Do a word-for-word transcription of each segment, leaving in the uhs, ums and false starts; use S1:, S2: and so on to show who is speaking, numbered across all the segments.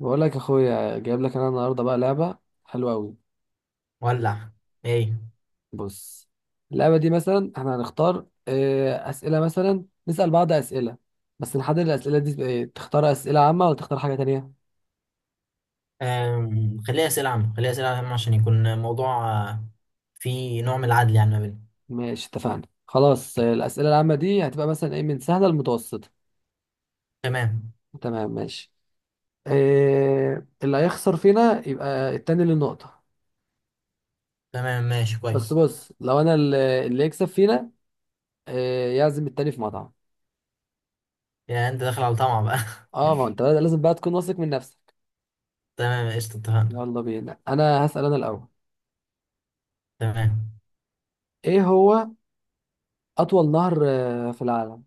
S1: بقول لك يا اخويا، جايب لك انا النهارده بقى لعبه حلوه قوي.
S2: ولع. ايه.
S1: بص، اللعبه دي مثلا احنا هنختار آه، اسئله، مثلا نسال بعض اسئله. بس نحدد الاسئله دي بإيه؟ تختار اسئله عامه ولا تختار حاجه تانية؟
S2: أم... خليها اسئله عامه، خليها اسئله عامه عشان يكون الموضوع آه، فيه نوع من العدل يعني ما بيننا.
S1: ماشي اتفقنا. خلاص، آه، الاسئله العامه دي هتبقى مثلا ايه، من سهله لمتوسطه.
S2: تمام.
S1: تمام ماشي. آه، اللي هيخسر فينا يبقى التاني اللي النقطه.
S2: تمام ماشي
S1: بس
S2: كويس.
S1: بص، لو انا اللي اللي يكسب فينا، آه، يعزم التاني في مطعم.
S2: يعني انت داخل على طمع بقى؟
S1: اه، ما هو انت بقى لازم بقى تكون واثق من نفسك.
S2: تمام. قشطه. اتفقنا.
S1: يلا بينا، انا هسأل انا الاول.
S2: تمام.
S1: ايه هو اطول نهر آه، في العالم؟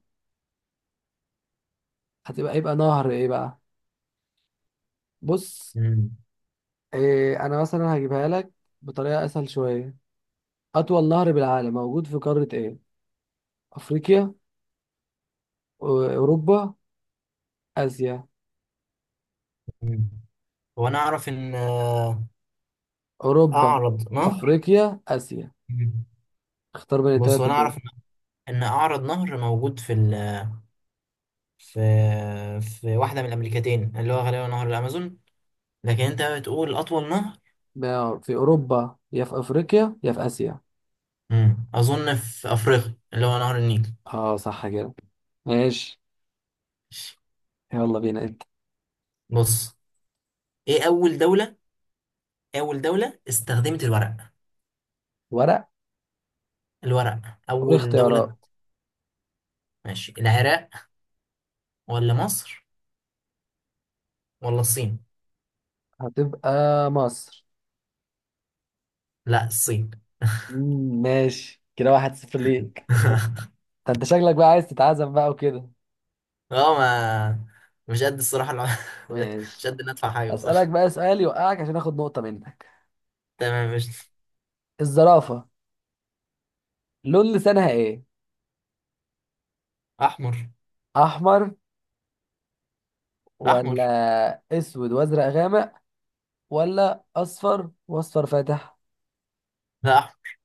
S1: هتبقى، يبقى نهر ايه بقى؟ بص،
S2: مم.
S1: إيه، انا مثلا هجيبها لك بطريقة اسهل شوية. اطول نهر بالعالم موجود في قارة ايه؟ افريقيا، أو- اوروبا، اسيا؟
S2: مم. هو انا اعرف ان آه،
S1: اوروبا،
S2: اعرض نهر.
S1: افريقيا، اسيا.
S2: مم.
S1: اختار بين
S2: بص، هو
S1: الثلاثة
S2: انا
S1: دول.
S2: اعرف ان إن اعرض نهر موجود في ال... في في واحده من الامريكتين، اللي هو غالبا نهر الامازون. لكن انت بتقول اطول نهر.
S1: ما في اوروبا، يا في افريقيا، يا في اسيا.
S2: مم. اظن في افريقيا، اللي هو نهر النيل.
S1: اه صح كده، ماشي. يلا بينا انت.
S2: بص، ايه اول دولة إيه اول دولة استخدمت الورق؟
S1: ورق؟
S2: الورق، اول
S1: والاختيارات؟
S2: دولة. ماشي، العراق ولا مصر ولا الصين؟
S1: هتبقى مصر.
S2: لا، الصين.
S1: مم، ماشي كده، واحد صفر ليك. ده انت شكلك بقى عايز تتعزم بقى وكده.
S2: اه، ما مش قد الصراحة الع... مش
S1: ماشي،
S2: قد ان ادفع حاجة
S1: اسألك
S2: بصراحة.
S1: بقى سؤال يوقعك عشان اخد نقطة منك.
S2: تمام. مش.
S1: الزرافة، لون لسانها ايه؟
S2: احمر.
S1: احمر، ولا
S2: احمر.
S1: اسود وازرق غامق، ولا اصفر واصفر فاتح؟
S2: لا، احمر.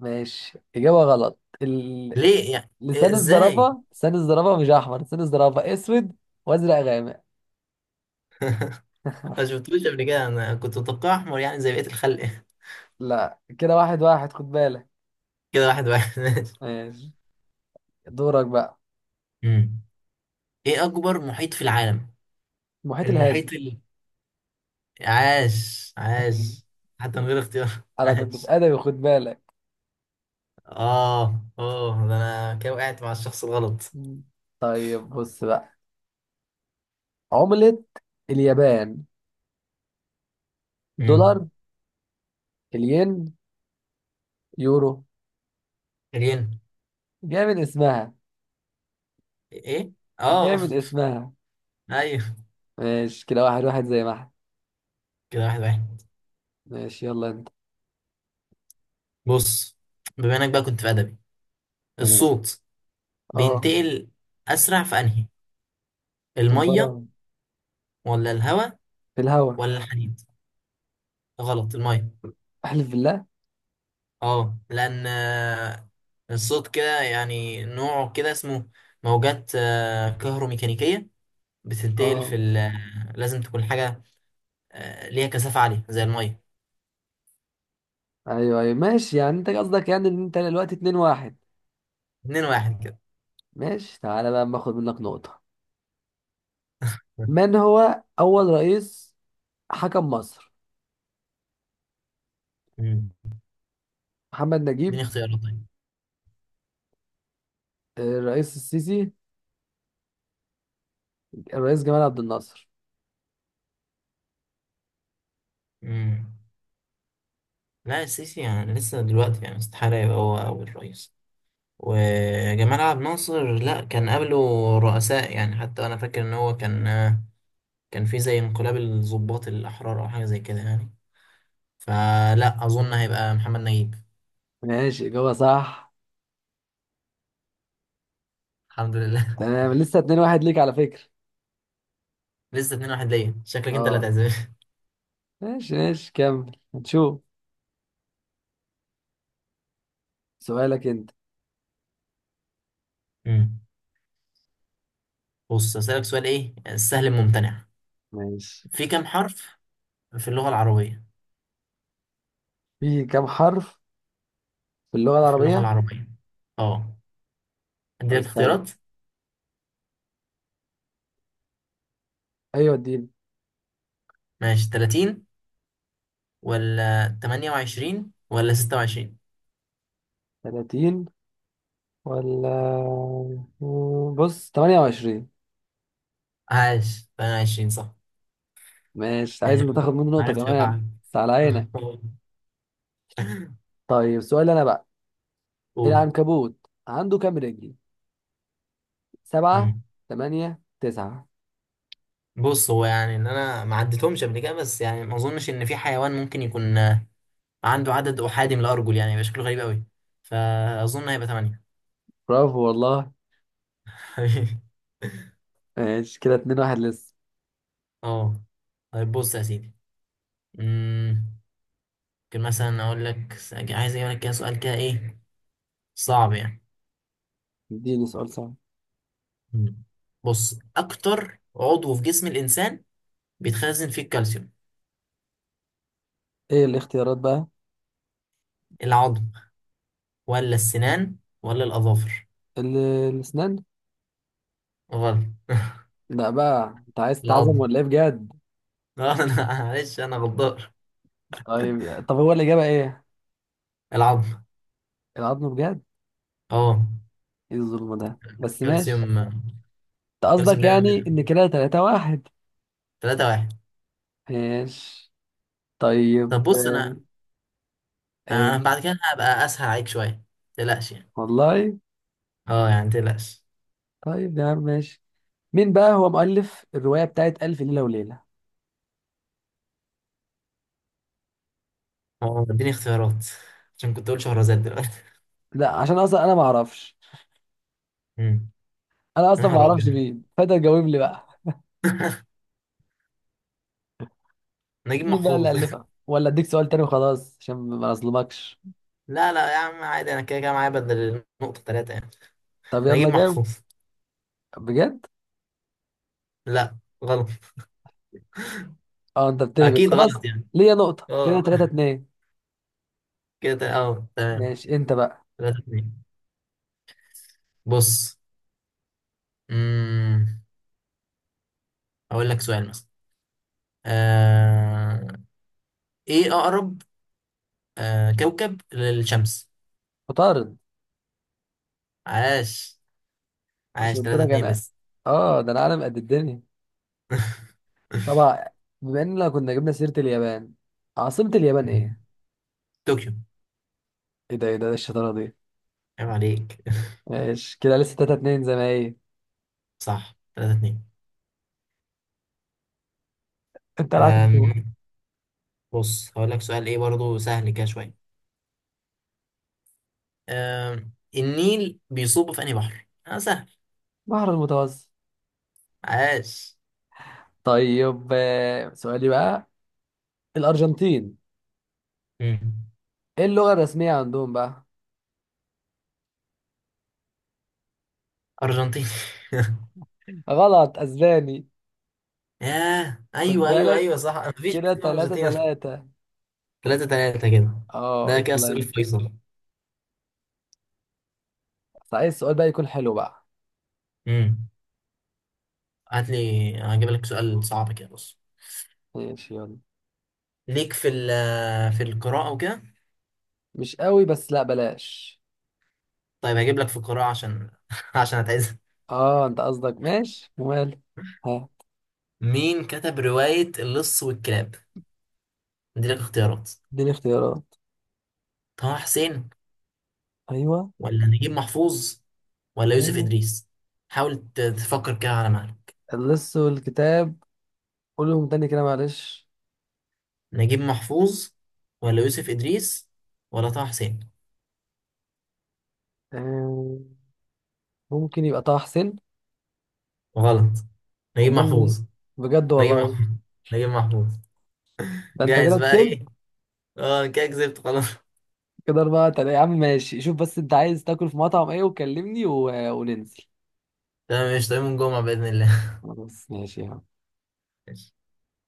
S1: ماشي، اجابة غلط. ال...
S2: ليه؟ يعني إيه؟
S1: لسان
S2: ازاي؟
S1: الزرافة، لسان الزرافة مش احمر، لسان الزرافة اسود وازرق غامق.
S2: ما شفتوش قبل كده، انا كنت متوقع احمر يعني زي بقية الخلق.
S1: لا كده واحد واحد، خد بالك.
S2: كده واحد واحد. ماشي.
S1: ماشي، دورك بقى.
S2: أمم. ايه اكبر محيط في العالم؟
S1: المحيط الهادي.
S2: المحيط ال... عاش عاش! حتى من غير اختيار.
S1: انا كنت في
S2: عاش.
S1: ادبي، خد بالك.
S2: اه اه، ده انا كده وقعت مع الشخص الغلط.
S1: مم. طيب بص بقى، عملة اليابان؟
S2: امم
S1: دولار، الين، يورو؟
S2: ريان.
S1: جاي من اسمها.
S2: ايه.
S1: جاي
S2: اه.
S1: من اسمها.
S2: ايوه.
S1: ماشي كده واحد واحد، زي ما احنا.
S2: كده واحد واحد.
S1: ماشي، يلا انت.
S2: بص، بما انك بقى كنت في ادبي،
S1: تمام.
S2: الصوت
S1: اه،
S2: بينتقل اسرع في انهي؟
S1: في
S2: الميه
S1: الفراغ.
S2: ولا الهواء
S1: في الهوا.
S2: ولا الحديد؟ غلط، الميه.
S1: احلف بالله.
S2: اه، لان آه، الصوت كده، يعني نوعه كده، اسمه موجات آه، كهروميكانيكيه، بتنتقل في
S1: اه.
S2: ال- آه، لازم تكون حاجه آه، ليها كثافه عاليه زي الميه.
S1: ايوه ايوه ماشي، يعني انت قصدك يعني ان انت دلوقتي اتنين واحد.
S2: اتنين واحد كده.
S1: ماشي، تعالى بقى أما اخد منك نقطة. من هو اول رئيس حكم مصر؟
S2: مم.
S1: محمد نجيب،
S2: اديني اختيارات طيب.
S1: آه، الرئيس السيسي، الرئيس جمال عبد الناصر.
S2: مم. لا، السيسي يعني لسه دلوقتي، يعني استحالة يبقى هو أول رئيس. وجمال عبد الناصر، لا، كان قبله رؤساء. يعني حتى أنا فاكر إن هو كان كان في زي انقلاب الضباط الأحرار أو حاجة زي كده يعني. فلا، أظن هيبقى محمد نجيب.
S1: ماشي، إجابة صح.
S2: الحمد لله.
S1: تمام، لسه اتنين واحد ليك، على فكرة.
S2: لسه اتنين واحد ليا، شكلك أنت اللي
S1: اه
S2: هتعزف.
S1: ماشي ماشي، كمل هنشوف. سؤالك انت.
S2: مم. بص، أسألك سؤال إيه السهل الممتنع؟
S1: ماشي.
S2: في كام حرف في اللغة العربية؟
S1: في كم حرف في اللغة
S2: في اللغة
S1: العربية؟
S2: العربية. أه،
S1: طب
S2: أديلك
S1: استنى.
S2: اختيارات.
S1: ايوه اديني.
S2: ماشي، ثلاثين ولا تمانية وعشرين ولا ستة وعشرين؟
S1: تلاتين، ولا بص ثمانية وعشرين.
S2: عاش، تمانية وعشرين صح.
S1: ماشي، عايز
S2: يعني
S1: انت تاخد منه نقطة
S2: عرفت
S1: كمان.
S2: وقع.
S1: بس على عينك. طيب سؤال انا بقى.
S2: قول.
S1: العنكبوت عنده كام رجل؟ سبعة،
S2: مم.
S1: تمانية، تسعة؟
S2: بص، هو يعني ان انا ما عدتهمش قبل كده، بس يعني ما اظنش ان في حيوان ممكن يكون آه، عنده عدد احادي من الارجل، يعني يبقى شكله غريب قوي. فاظن هيبقى ثمانية.
S1: برافو والله. ماشي، كده اتنين واحد لسه.
S2: اه. طيب بص يا سيدي، مم، ممكن مثلا اقول لك، عايز اجيب لك كده سؤال كده ايه؟ صعب يعني.
S1: اديني سؤال صعب.
S2: مم. بص، اكتر عضو في جسم الانسان بيتخزن فيه الكالسيوم؟
S1: ايه الاختيارات بقى؟
S2: العظم ولا السنان ولا الاظافر؟
S1: ال- الاسنان.
S2: غلط.
S1: لا بقى، انت عايز تتعزم
S2: العظم.
S1: ولا ايه بجد؟
S2: اه انا، معلش، انا غدار.
S1: طيب، طب هو الاجابه ايه؟
S2: العظم.
S1: العظم بجد؟
S2: اه،
S1: ايه الظلم ده، بس ماشي.
S2: الكالسيوم
S1: انت
S2: الكالسيوم
S1: قصدك
S2: دايما
S1: يعني
S2: بيبقى.
S1: ان كده تلاتة واحد.
S2: تلاتة واحد.
S1: ماشي. طيب
S2: طب بص،
S1: آه،
S2: انا
S1: ايه
S2: انا بعد كده هبقى اسهل عليك شويه. متقلقش يعني.
S1: والله.
S2: اه، يعني متقلقش.
S1: طيب يا عم ماشي. مين بقى هو مؤلف الروايه بتاعت الف ليله وليله؟
S2: اه، اديني اختيارات عشان كنت اقول شهرزاد دلوقتي.
S1: لا عشان اصلا انا ما اعرفش.
S2: مم.
S1: انا
S2: يا
S1: اصلا ما
S2: نهار
S1: اعرفش
S2: ابيض.
S1: مين فانت جاوب لي بقى.
S2: نجيب
S1: مين بقى اللي
S2: محفوظ.
S1: الفها؟ ولا اديك سؤال تاني وخلاص عشان ما اظلمكش؟
S2: لا لا يا عم، عادي، انا كده كده معايا بدل النقطة ثلاثة يعني.
S1: طب
S2: نجيب
S1: يلا جاوب.
S2: محفوظ.
S1: بجد؟
S2: لا، غلط.
S1: اه انت بتهبط
S2: اكيد
S1: خلاص.
S2: غلط يعني.
S1: ليا نقطه، كده
S2: اه
S1: تلاتة اتنين.
S2: كده تل- اه تمام.
S1: ماشي، انت بقى.
S2: ثلاثة اتنين. بص. امم، اقول لك سؤال مثلا. آه... ايه اقرب آه... كوكب للشمس؟
S1: مطارد.
S2: عاش. عاش.
S1: عشان قلت
S2: ثلاثة
S1: لك
S2: اتنين
S1: انا،
S2: لسه.
S1: اه ده انا عالم قد الدنيا. طبعا، بما اننا كنا جبنا سيرة اليابان، عاصمة اليابان ايه؟
S2: طوكيو.
S1: ايه ده، ايه ده، ايه الشطارة دي؟
S2: عيب عليك.
S1: ماشي كده، لسه تلاتة اتنين زي ما هي.
S2: صح، ثلاثة اتنين.
S1: انت معاك الدور.
S2: آم... بص، هقول لك سؤال ايه برضو سهل كده شوية. آم، النيل بيصب في انهي بحر؟ اه، سهل.
S1: بحر المتوسط.
S2: عاش.
S1: طيب آه، سؤالي بقى، الأرجنتين،
S2: مم.
S1: ايه اللغة الرسمية عندهم بقى؟
S2: أرجنتين.
S1: غلط، اسباني.
S2: ياه،
S1: خد
S2: أيوه أيوه
S1: بالك،
S2: أيوه، صح، مفيش حاجة
S1: كده
S2: اسمها
S1: تلاتة
S2: أرجنتين.
S1: تلاتة.
S2: تلاتة تلاتة كده.
S1: اه
S2: ده كده
S1: يلا
S2: السؤال
S1: انت.
S2: الفيصل.
S1: عايز السؤال بقى يكون حلو بقى.
S2: امم، هات لي، هجيب لك سؤال صعب كده. بص،
S1: ماشي يلا.
S2: ليك في ال في القراءة وكده.
S1: مش قوي، بس لا بلاش.
S2: طيب، هجيب لك في القراءة عشان عشان هتعزم.
S1: اه انت قصدك، ماشي ومال. ها،
S2: مين كتب رواية اللص والكلاب؟ ادي لك اختيارات.
S1: اديني اختيارات.
S2: طه حسين
S1: ايوه.
S2: ولا نجيب محفوظ ولا يوسف
S1: ايوه.
S2: إدريس. حاول ت- تفكر كده على مهلك.
S1: اللص والكتاب، قولهم تاني كده معلش.
S2: نجيب محفوظ ولا يوسف إدريس ولا طه حسين.
S1: آه، ممكن يبقى طه حسين.
S2: غلط. نجيب
S1: امال مين؟
S2: محفوظ.
S1: بجد
S2: نجيب
S1: والله؟
S2: محفوظ. نجيب محفوظ.
S1: ده انت
S2: جاهز
S1: كده
S2: بقى
S1: كسبت.
S2: إيه؟ اه كده كسبت خلاص.
S1: كده اربعة تلاتة، يا عم ماشي. شوف بس انت عايز تاكل في مطعم ايه وكلمني، و... وننزل.
S2: تمام، مش طيب، من جمعة بإذن الله.
S1: خلاص ماشي يا عم.